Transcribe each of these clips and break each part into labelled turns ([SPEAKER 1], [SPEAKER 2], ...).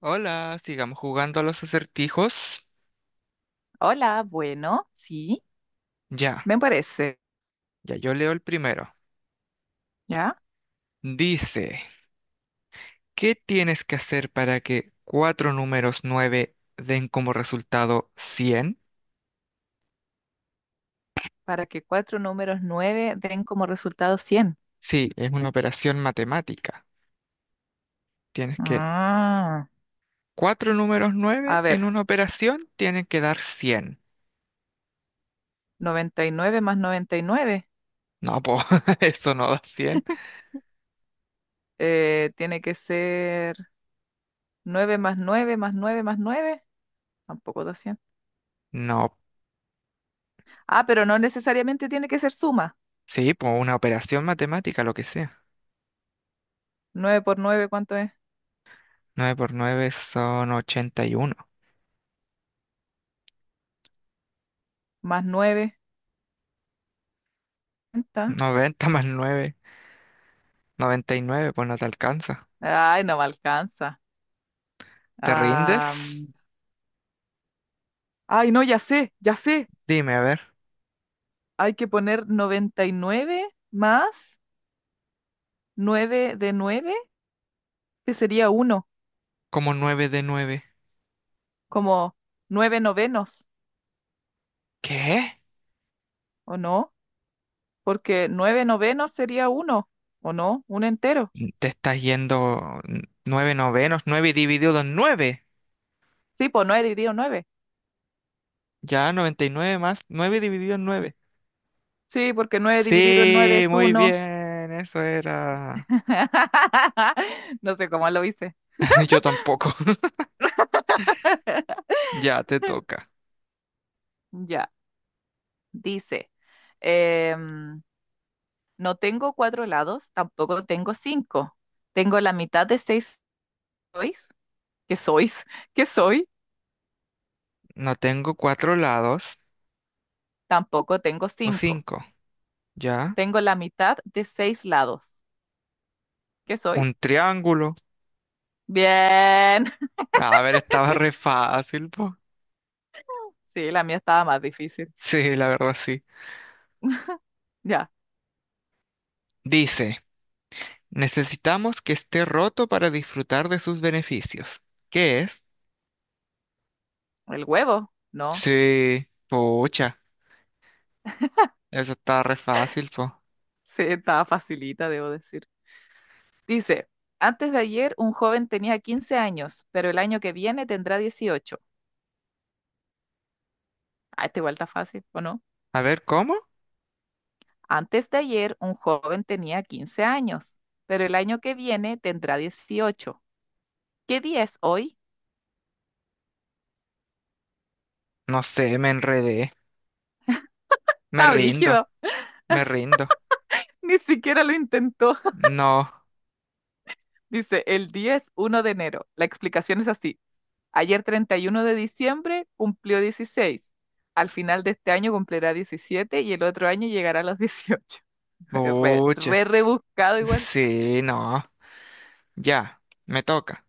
[SPEAKER 1] Hola, sigamos jugando a los acertijos.
[SPEAKER 2] Hola, bueno, sí,
[SPEAKER 1] Ya,
[SPEAKER 2] me parece,
[SPEAKER 1] ya yo leo el primero.
[SPEAKER 2] ¿ya?
[SPEAKER 1] Dice, ¿qué tienes que hacer para que cuatro números nueve den como resultado 100?
[SPEAKER 2] Para que cuatro números nueve den como resultado 100.
[SPEAKER 1] Sí, es una operación matemática. Tienes que
[SPEAKER 2] Ah,
[SPEAKER 1] Cuatro números nueve
[SPEAKER 2] a
[SPEAKER 1] en
[SPEAKER 2] ver,
[SPEAKER 1] una operación tienen que dar 100.
[SPEAKER 2] 99 más 99,
[SPEAKER 1] No, pues eso no da 100.
[SPEAKER 2] tiene que ser 9 más 9 más 9 más 9, tampoco 200.
[SPEAKER 1] No,
[SPEAKER 2] Ah, pero no necesariamente tiene que ser suma.
[SPEAKER 1] sí, pues una operación matemática, lo que sea.
[SPEAKER 2] 9 por nueve, ¿cuánto es?
[SPEAKER 1] 9 por 9 son ochenta y uno.
[SPEAKER 2] Más 9. ¿Cuánta?
[SPEAKER 1] Noventa más 9, 99, pues no te alcanza.
[SPEAKER 2] Ay, no me alcanza.
[SPEAKER 1] ¿Te
[SPEAKER 2] Ah,
[SPEAKER 1] rindes?
[SPEAKER 2] ay, no, ya sé, ya sé.
[SPEAKER 1] Dime, a ver,
[SPEAKER 2] Hay que poner 99 más nueve de nueve, que sería uno,
[SPEAKER 1] como nueve de 9.
[SPEAKER 2] como nueve novenos,
[SPEAKER 1] ¿Qué?
[SPEAKER 2] ¿o no? Porque nueve novenos sería uno, ¿o no? Un entero.
[SPEAKER 1] Te estás yendo 9 novenos, 9 dividido en 9.
[SPEAKER 2] Sí, pues nueve dividido en nueve.
[SPEAKER 1] Ya, 99 más 9 dividido en 9.
[SPEAKER 2] Sí, porque nueve dividido en nueve
[SPEAKER 1] Sí,
[SPEAKER 2] es
[SPEAKER 1] muy
[SPEAKER 2] uno.
[SPEAKER 1] bien, eso era.
[SPEAKER 2] No sé cómo lo hice.
[SPEAKER 1] Yo tampoco. Ya te toca.
[SPEAKER 2] Ya, dice, em, no tengo cuatro lados, tampoco tengo cinco. Tengo la mitad de seis sois, sois, que soy,
[SPEAKER 1] No tengo cuatro lados,
[SPEAKER 2] tampoco tengo
[SPEAKER 1] o
[SPEAKER 2] cinco.
[SPEAKER 1] cinco. Ya,
[SPEAKER 2] Tengo la mitad de seis lados. Que soy?
[SPEAKER 1] un triángulo.
[SPEAKER 2] Bien.
[SPEAKER 1] A ver, estaba re fácil, po.
[SPEAKER 2] Sí, la mía estaba más difícil.
[SPEAKER 1] Sí, la verdad, sí.
[SPEAKER 2] Ya,
[SPEAKER 1] Dice. Necesitamos que esté roto para disfrutar de sus beneficios. ¿Qué es?
[SPEAKER 2] el huevo, ¿no?
[SPEAKER 1] Sí, pucha, eso está re fácil, po.
[SPEAKER 2] Sí, estaba facilita, debo decir. Dice, antes de ayer un joven tenía 15 años, pero el año que viene tendrá 18. Ah, esta igual está fácil, ¿o no?
[SPEAKER 1] A ver, ¿cómo?
[SPEAKER 2] Antes de ayer un joven tenía 15 años, pero el año que viene tendrá 18. ¿Qué día es hoy?
[SPEAKER 1] No sé, me enredé. Me
[SPEAKER 2] Está
[SPEAKER 1] rindo,
[SPEAKER 2] brígido.
[SPEAKER 1] me rindo.
[SPEAKER 2] Ni siquiera lo intentó.
[SPEAKER 1] No,
[SPEAKER 2] Dice, el día es 1 de enero. La explicación es así. Ayer 31 de diciembre cumplió 16. Al final de este año cumplirá 17 y el otro año llegará a los 18. Re,
[SPEAKER 1] pucha.
[SPEAKER 2] re rebuscado igual.
[SPEAKER 1] Sí, no. Ya, me toca.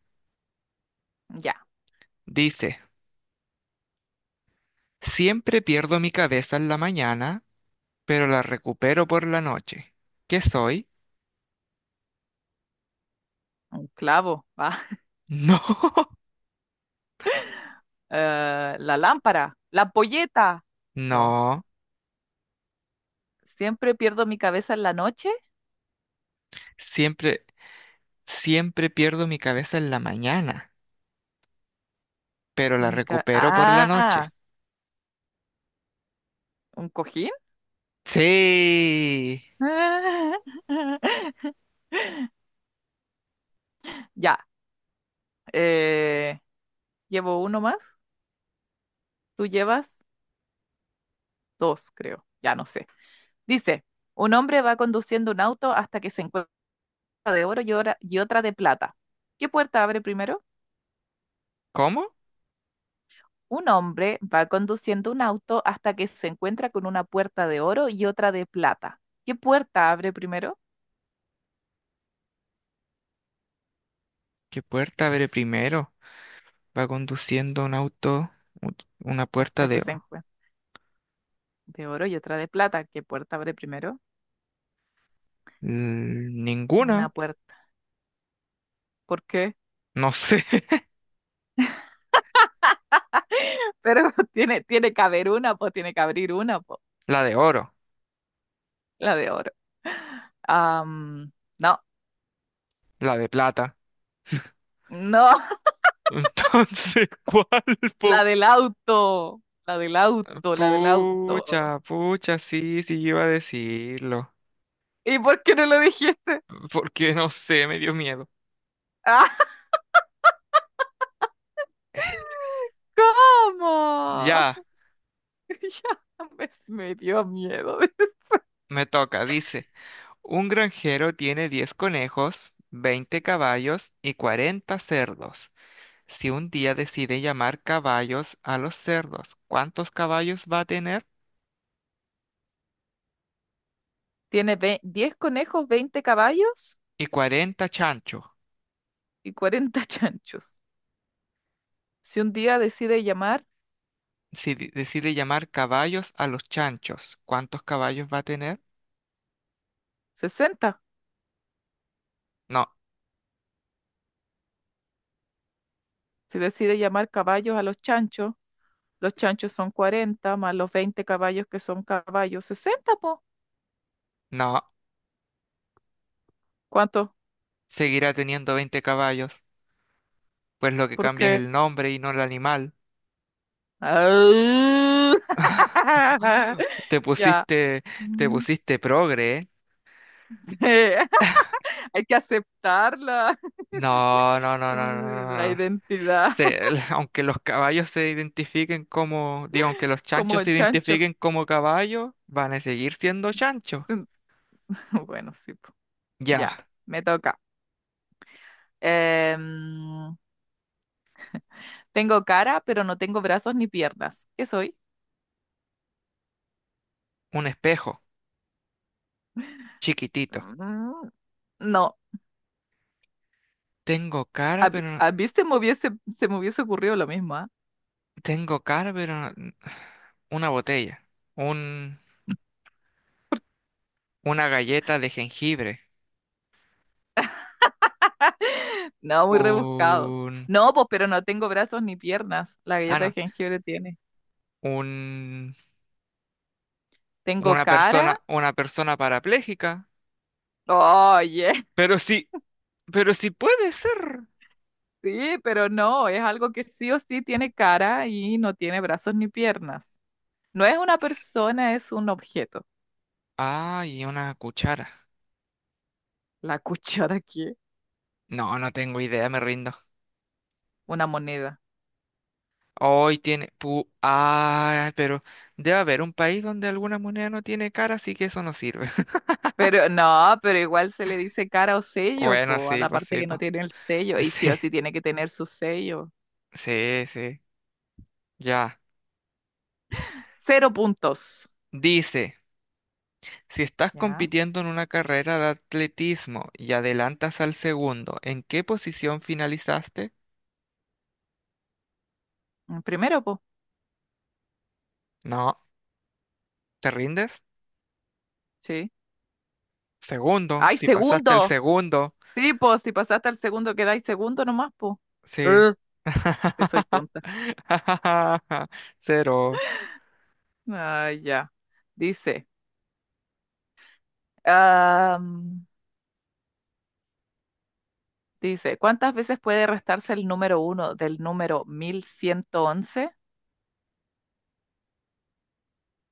[SPEAKER 2] Ya,
[SPEAKER 1] Dice, siempre pierdo mi cabeza en la mañana, pero la recupero por la noche. ¿Qué soy?
[SPEAKER 2] un clavo. Va.
[SPEAKER 1] No,
[SPEAKER 2] La lámpara, la ampolleta. No,
[SPEAKER 1] no.
[SPEAKER 2] siempre pierdo mi cabeza en la noche.
[SPEAKER 1] Siempre. Siempre pierdo mi cabeza en la mañana, pero la recupero por la noche.
[SPEAKER 2] Ah, un cojín.
[SPEAKER 1] Sí.
[SPEAKER 2] Ya, eh, llevo uno más. Tú llevas dos, creo. Ya no sé. Dice, un hombre va conduciendo un auto hasta que se encuentra de oro y otra de plata. ¿Qué puerta abre primero?
[SPEAKER 1] ¿Cómo?
[SPEAKER 2] Un hombre va conduciendo un auto hasta que se encuentra con una puerta de oro y otra de plata. ¿Qué puerta abre primero?
[SPEAKER 1] ¿Qué puerta abre primero? Va conduciendo un auto, u- una puerta
[SPEAKER 2] Hasta que
[SPEAKER 1] de.
[SPEAKER 2] se encuentra de oro y otra de plata. ¿Qué puerta abre primero? Una
[SPEAKER 1] Ninguna.
[SPEAKER 2] puerta. ¿Por qué?
[SPEAKER 1] No sé.
[SPEAKER 2] Pero tiene que haber una, pues tiene que abrir una, pues
[SPEAKER 1] La de oro,
[SPEAKER 2] la de oro. Am, no,
[SPEAKER 1] la de plata.
[SPEAKER 2] no,
[SPEAKER 1] Entonces, ¿cuál,
[SPEAKER 2] la
[SPEAKER 1] po?
[SPEAKER 2] del auto, la del auto, la del auto.
[SPEAKER 1] Pucha, pucha, sí, sí, yo iba a decirlo.
[SPEAKER 2] ¿Y por qué no lo dijiste?
[SPEAKER 1] Porque no sé, me dio miedo.
[SPEAKER 2] ¡Ah! ¿Cómo?
[SPEAKER 1] Ya,
[SPEAKER 2] Ya me dio miedo.
[SPEAKER 1] me toca, dice. Un granjero tiene 10 conejos, 20 caballos y 40 cerdos. Si un día decide llamar caballos a los cerdos, ¿cuántos caballos va a tener?
[SPEAKER 2] Tiene 10 conejos, 20 caballos
[SPEAKER 1] Y cuarenta chanchos.
[SPEAKER 2] y 40 chanchos. Si un día decide llamar
[SPEAKER 1] Si decide llamar caballos a los chanchos, ¿cuántos caballos va a tener?
[SPEAKER 2] 60,
[SPEAKER 1] No,
[SPEAKER 2] si decide llamar caballos a los chanchos son 40 más los 20 caballos que son caballos, 60 po.
[SPEAKER 1] no,
[SPEAKER 2] ¿Cuánto?
[SPEAKER 1] seguirá teniendo 20 caballos, pues lo que cambia
[SPEAKER 2] Porque
[SPEAKER 1] es el nombre y no el animal. Te
[SPEAKER 2] ya.
[SPEAKER 1] pusiste, te
[SPEAKER 2] Mm.
[SPEAKER 1] pusiste progre, ¿eh?
[SPEAKER 2] Hay que aceptarla
[SPEAKER 1] No, no, no,
[SPEAKER 2] como
[SPEAKER 1] no, no. No,
[SPEAKER 2] la
[SPEAKER 1] no. No.
[SPEAKER 2] identidad
[SPEAKER 1] Aunque los caballos se identifiquen como, digo, aunque los
[SPEAKER 2] como
[SPEAKER 1] chanchos
[SPEAKER 2] el
[SPEAKER 1] se
[SPEAKER 2] chancho.
[SPEAKER 1] identifiquen como caballos, van a seguir siendo chanchos.
[SPEAKER 2] Bueno, sí, po.
[SPEAKER 1] Ya,
[SPEAKER 2] Ya, me toca. Em, tengo cara, pero no tengo brazos ni piernas. ¿Qué soy?
[SPEAKER 1] un espejo, chiquitito.
[SPEAKER 2] Mm, no,
[SPEAKER 1] Tengo cara,
[SPEAKER 2] mí
[SPEAKER 1] pero no-
[SPEAKER 2] a mí se me hubiese ocurrido lo mismo, ¿ah?
[SPEAKER 1] tengo cara, pero no- Una botella, un una galleta de jengibre,
[SPEAKER 2] No, muy rebuscado.
[SPEAKER 1] un
[SPEAKER 2] No, pues, pero no tengo brazos ni piernas. La
[SPEAKER 1] ah
[SPEAKER 2] galleta de
[SPEAKER 1] no,
[SPEAKER 2] jengibre tiene.
[SPEAKER 1] un
[SPEAKER 2] Tengo cara.
[SPEAKER 1] una persona parapléjica.
[SPEAKER 2] Oye,
[SPEAKER 1] Pero sí, pero sí puede ser.
[SPEAKER 2] sí, pero no, es algo que sí o sí tiene cara y no tiene brazos ni piernas. No es una persona, es un objeto.
[SPEAKER 1] Ah, y una cuchara.
[SPEAKER 2] La cuchara aquí,
[SPEAKER 1] No, no tengo idea, me rindo.
[SPEAKER 2] una moneda.
[SPEAKER 1] Hoy tiene... Pu ah, Pero debe haber un país donde alguna moneda no tiene cara, así que eso no sirve.
[SPEAKER 2] Pero no, pero igual se le dice cara o sello,
[SPEAKER 1] Bueno,
[SPEAKER 2] po, a
[SPEAKER 1] sí,
[SPEAKER 2] la
[SPEAKER 1] pues
[SPEAKER 2] parte
[SPEAKER 1] sí,
[SPEAKER 2] que no
[SPEAKER 1] pues.
[SPEAKER 2] tiene el sello. Y sí
[SPEAKER 1] Sí,
[SPEAKER 2] o sí tiene que tener su sello.
[SPEAKER 1] sí, sí. Ya.
[SPEAKER 2] Cero puntos.
[SPEAKER 1] Dice, si estás
[SPEAKER 2] ¿Ya?
[SPEAKER 1] compitiendo en una carrera de atletismo y adelantas al segundo, ¿en qué posición finalizaste?
[SPEAKER 2] Mm, primero, po.
[SPEAKER 1] No. ¿Te rindes?
[SPEAKER 2] Sí.
[SPEAKER 1] Segundo.
[SPEAKER 2] ¡Ay,
[SPEAKER 1] Si pasaste el
[SPEAKER 2] segundo!
[SPEAKER 1] segundo.
[SPEAKER 2] Sí, po, si pasaste al segundo, quedáis segundo nomás, po.
[SPEAKER 1] Sí.
[SPEAKER 2] Eh, que soy tonta.
[SPEAKER 1] ¿Cero?
[SPEAKER 2] Ah, ya. Dice. am, dice, ¿cuántas veces puede restarse el número uno del número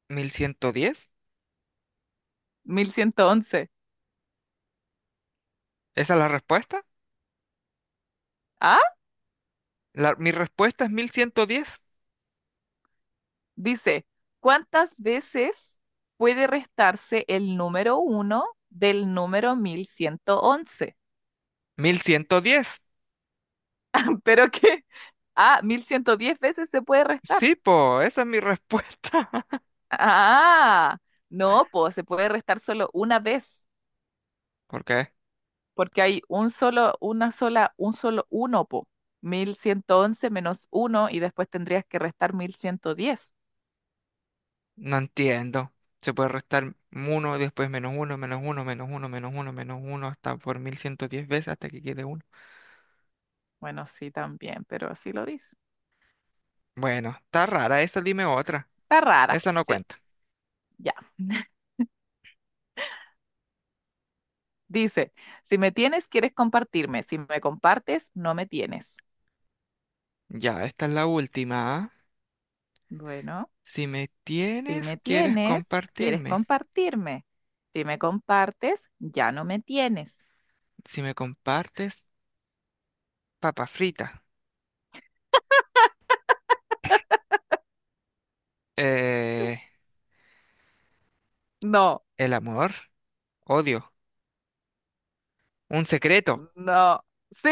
[SPEAKER 1] Mil ciento diez.
[SPEAKER 2] 1111?
[SPEAKER 1] ¿Esa es la respuesta?
[SPEAKER 2] 1111.
[SPEAKER 1] Mi respuesta es mil mil ciento diez
[SPEAKER 2] Dice, ¿cuántas veces puede restarse el número uno del número 1111.
[SPEAKER 1] mil ciento diez
[SPEAKER 2] ¿Pero qué? Ah, 1110 veces se puede restar.
[SPEAKER 1] Sí, po, esa es mi respuesta.
[SPEAKER 2] Ah, no, pues se puede restar solo una vez,
[SPEAKER 1] ¿Por qué?
[SPEAKER 2] porque hay un solo, una sola, un solo uno, po. 1111 menos uno y después tendrías que restar 1110.
[SPEAKER 1] No entiendo. Se puede restar uno después menos uno menos uno menos uno menos uno menos uno hasta por 1110 veces hasta que quede uno.
[SPEAKER 2] Bueno, sí, también, pero así lo dice.
[SPEAKER 1] Bueno, está rara esa, dime otra.
[SPEAKER 2] Está rara,
[SPEAKER 1] Esa no
[SPEAKER 2] sí,
[SPEAKER 1] cuenta.
[SPEAKER 2] ya. Dice, si me tienes, quieres compartirme. Si me compartes, no me tienes.
[SPEAKER 1] Ya, esta es la última. ¿Ah?
[SPEAKER 2] Bueno,
[SPEAKER 1] Si me
[SPEAKER 2] si
[SPEAKER 1] tienes,
[SPEAKER 2] me
[SPEAKER 1] quieres
[SPEAKER 2] tienes, quieres
[SPEAKER 1] compartirme.
[SPEAKER 2] compartirme. Si me compartes, ya no me tienes.
[SPEAKER 1] Si me compartes, papa frita. Eh,
[SPEAKER 2] No,
[SPEAKER 1] el amor, odio, un secreto.
[SPEAKER 2] no. Sí,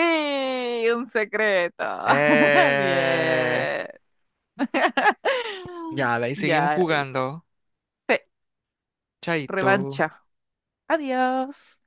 [SPEAKER 2] un secreto.
[SPEAKER 1] Eh,
[SPEAKER 2] Bien.
[SPEAKER 1] ya, de ahí seguimos
[SPEAKER 2] Ya,
[SPEAKER 1] jugando.
[SPEAKER 2] sí,
[SPEAKER 1] Chaito.
[SPEAKER 2] revancha. Adiós.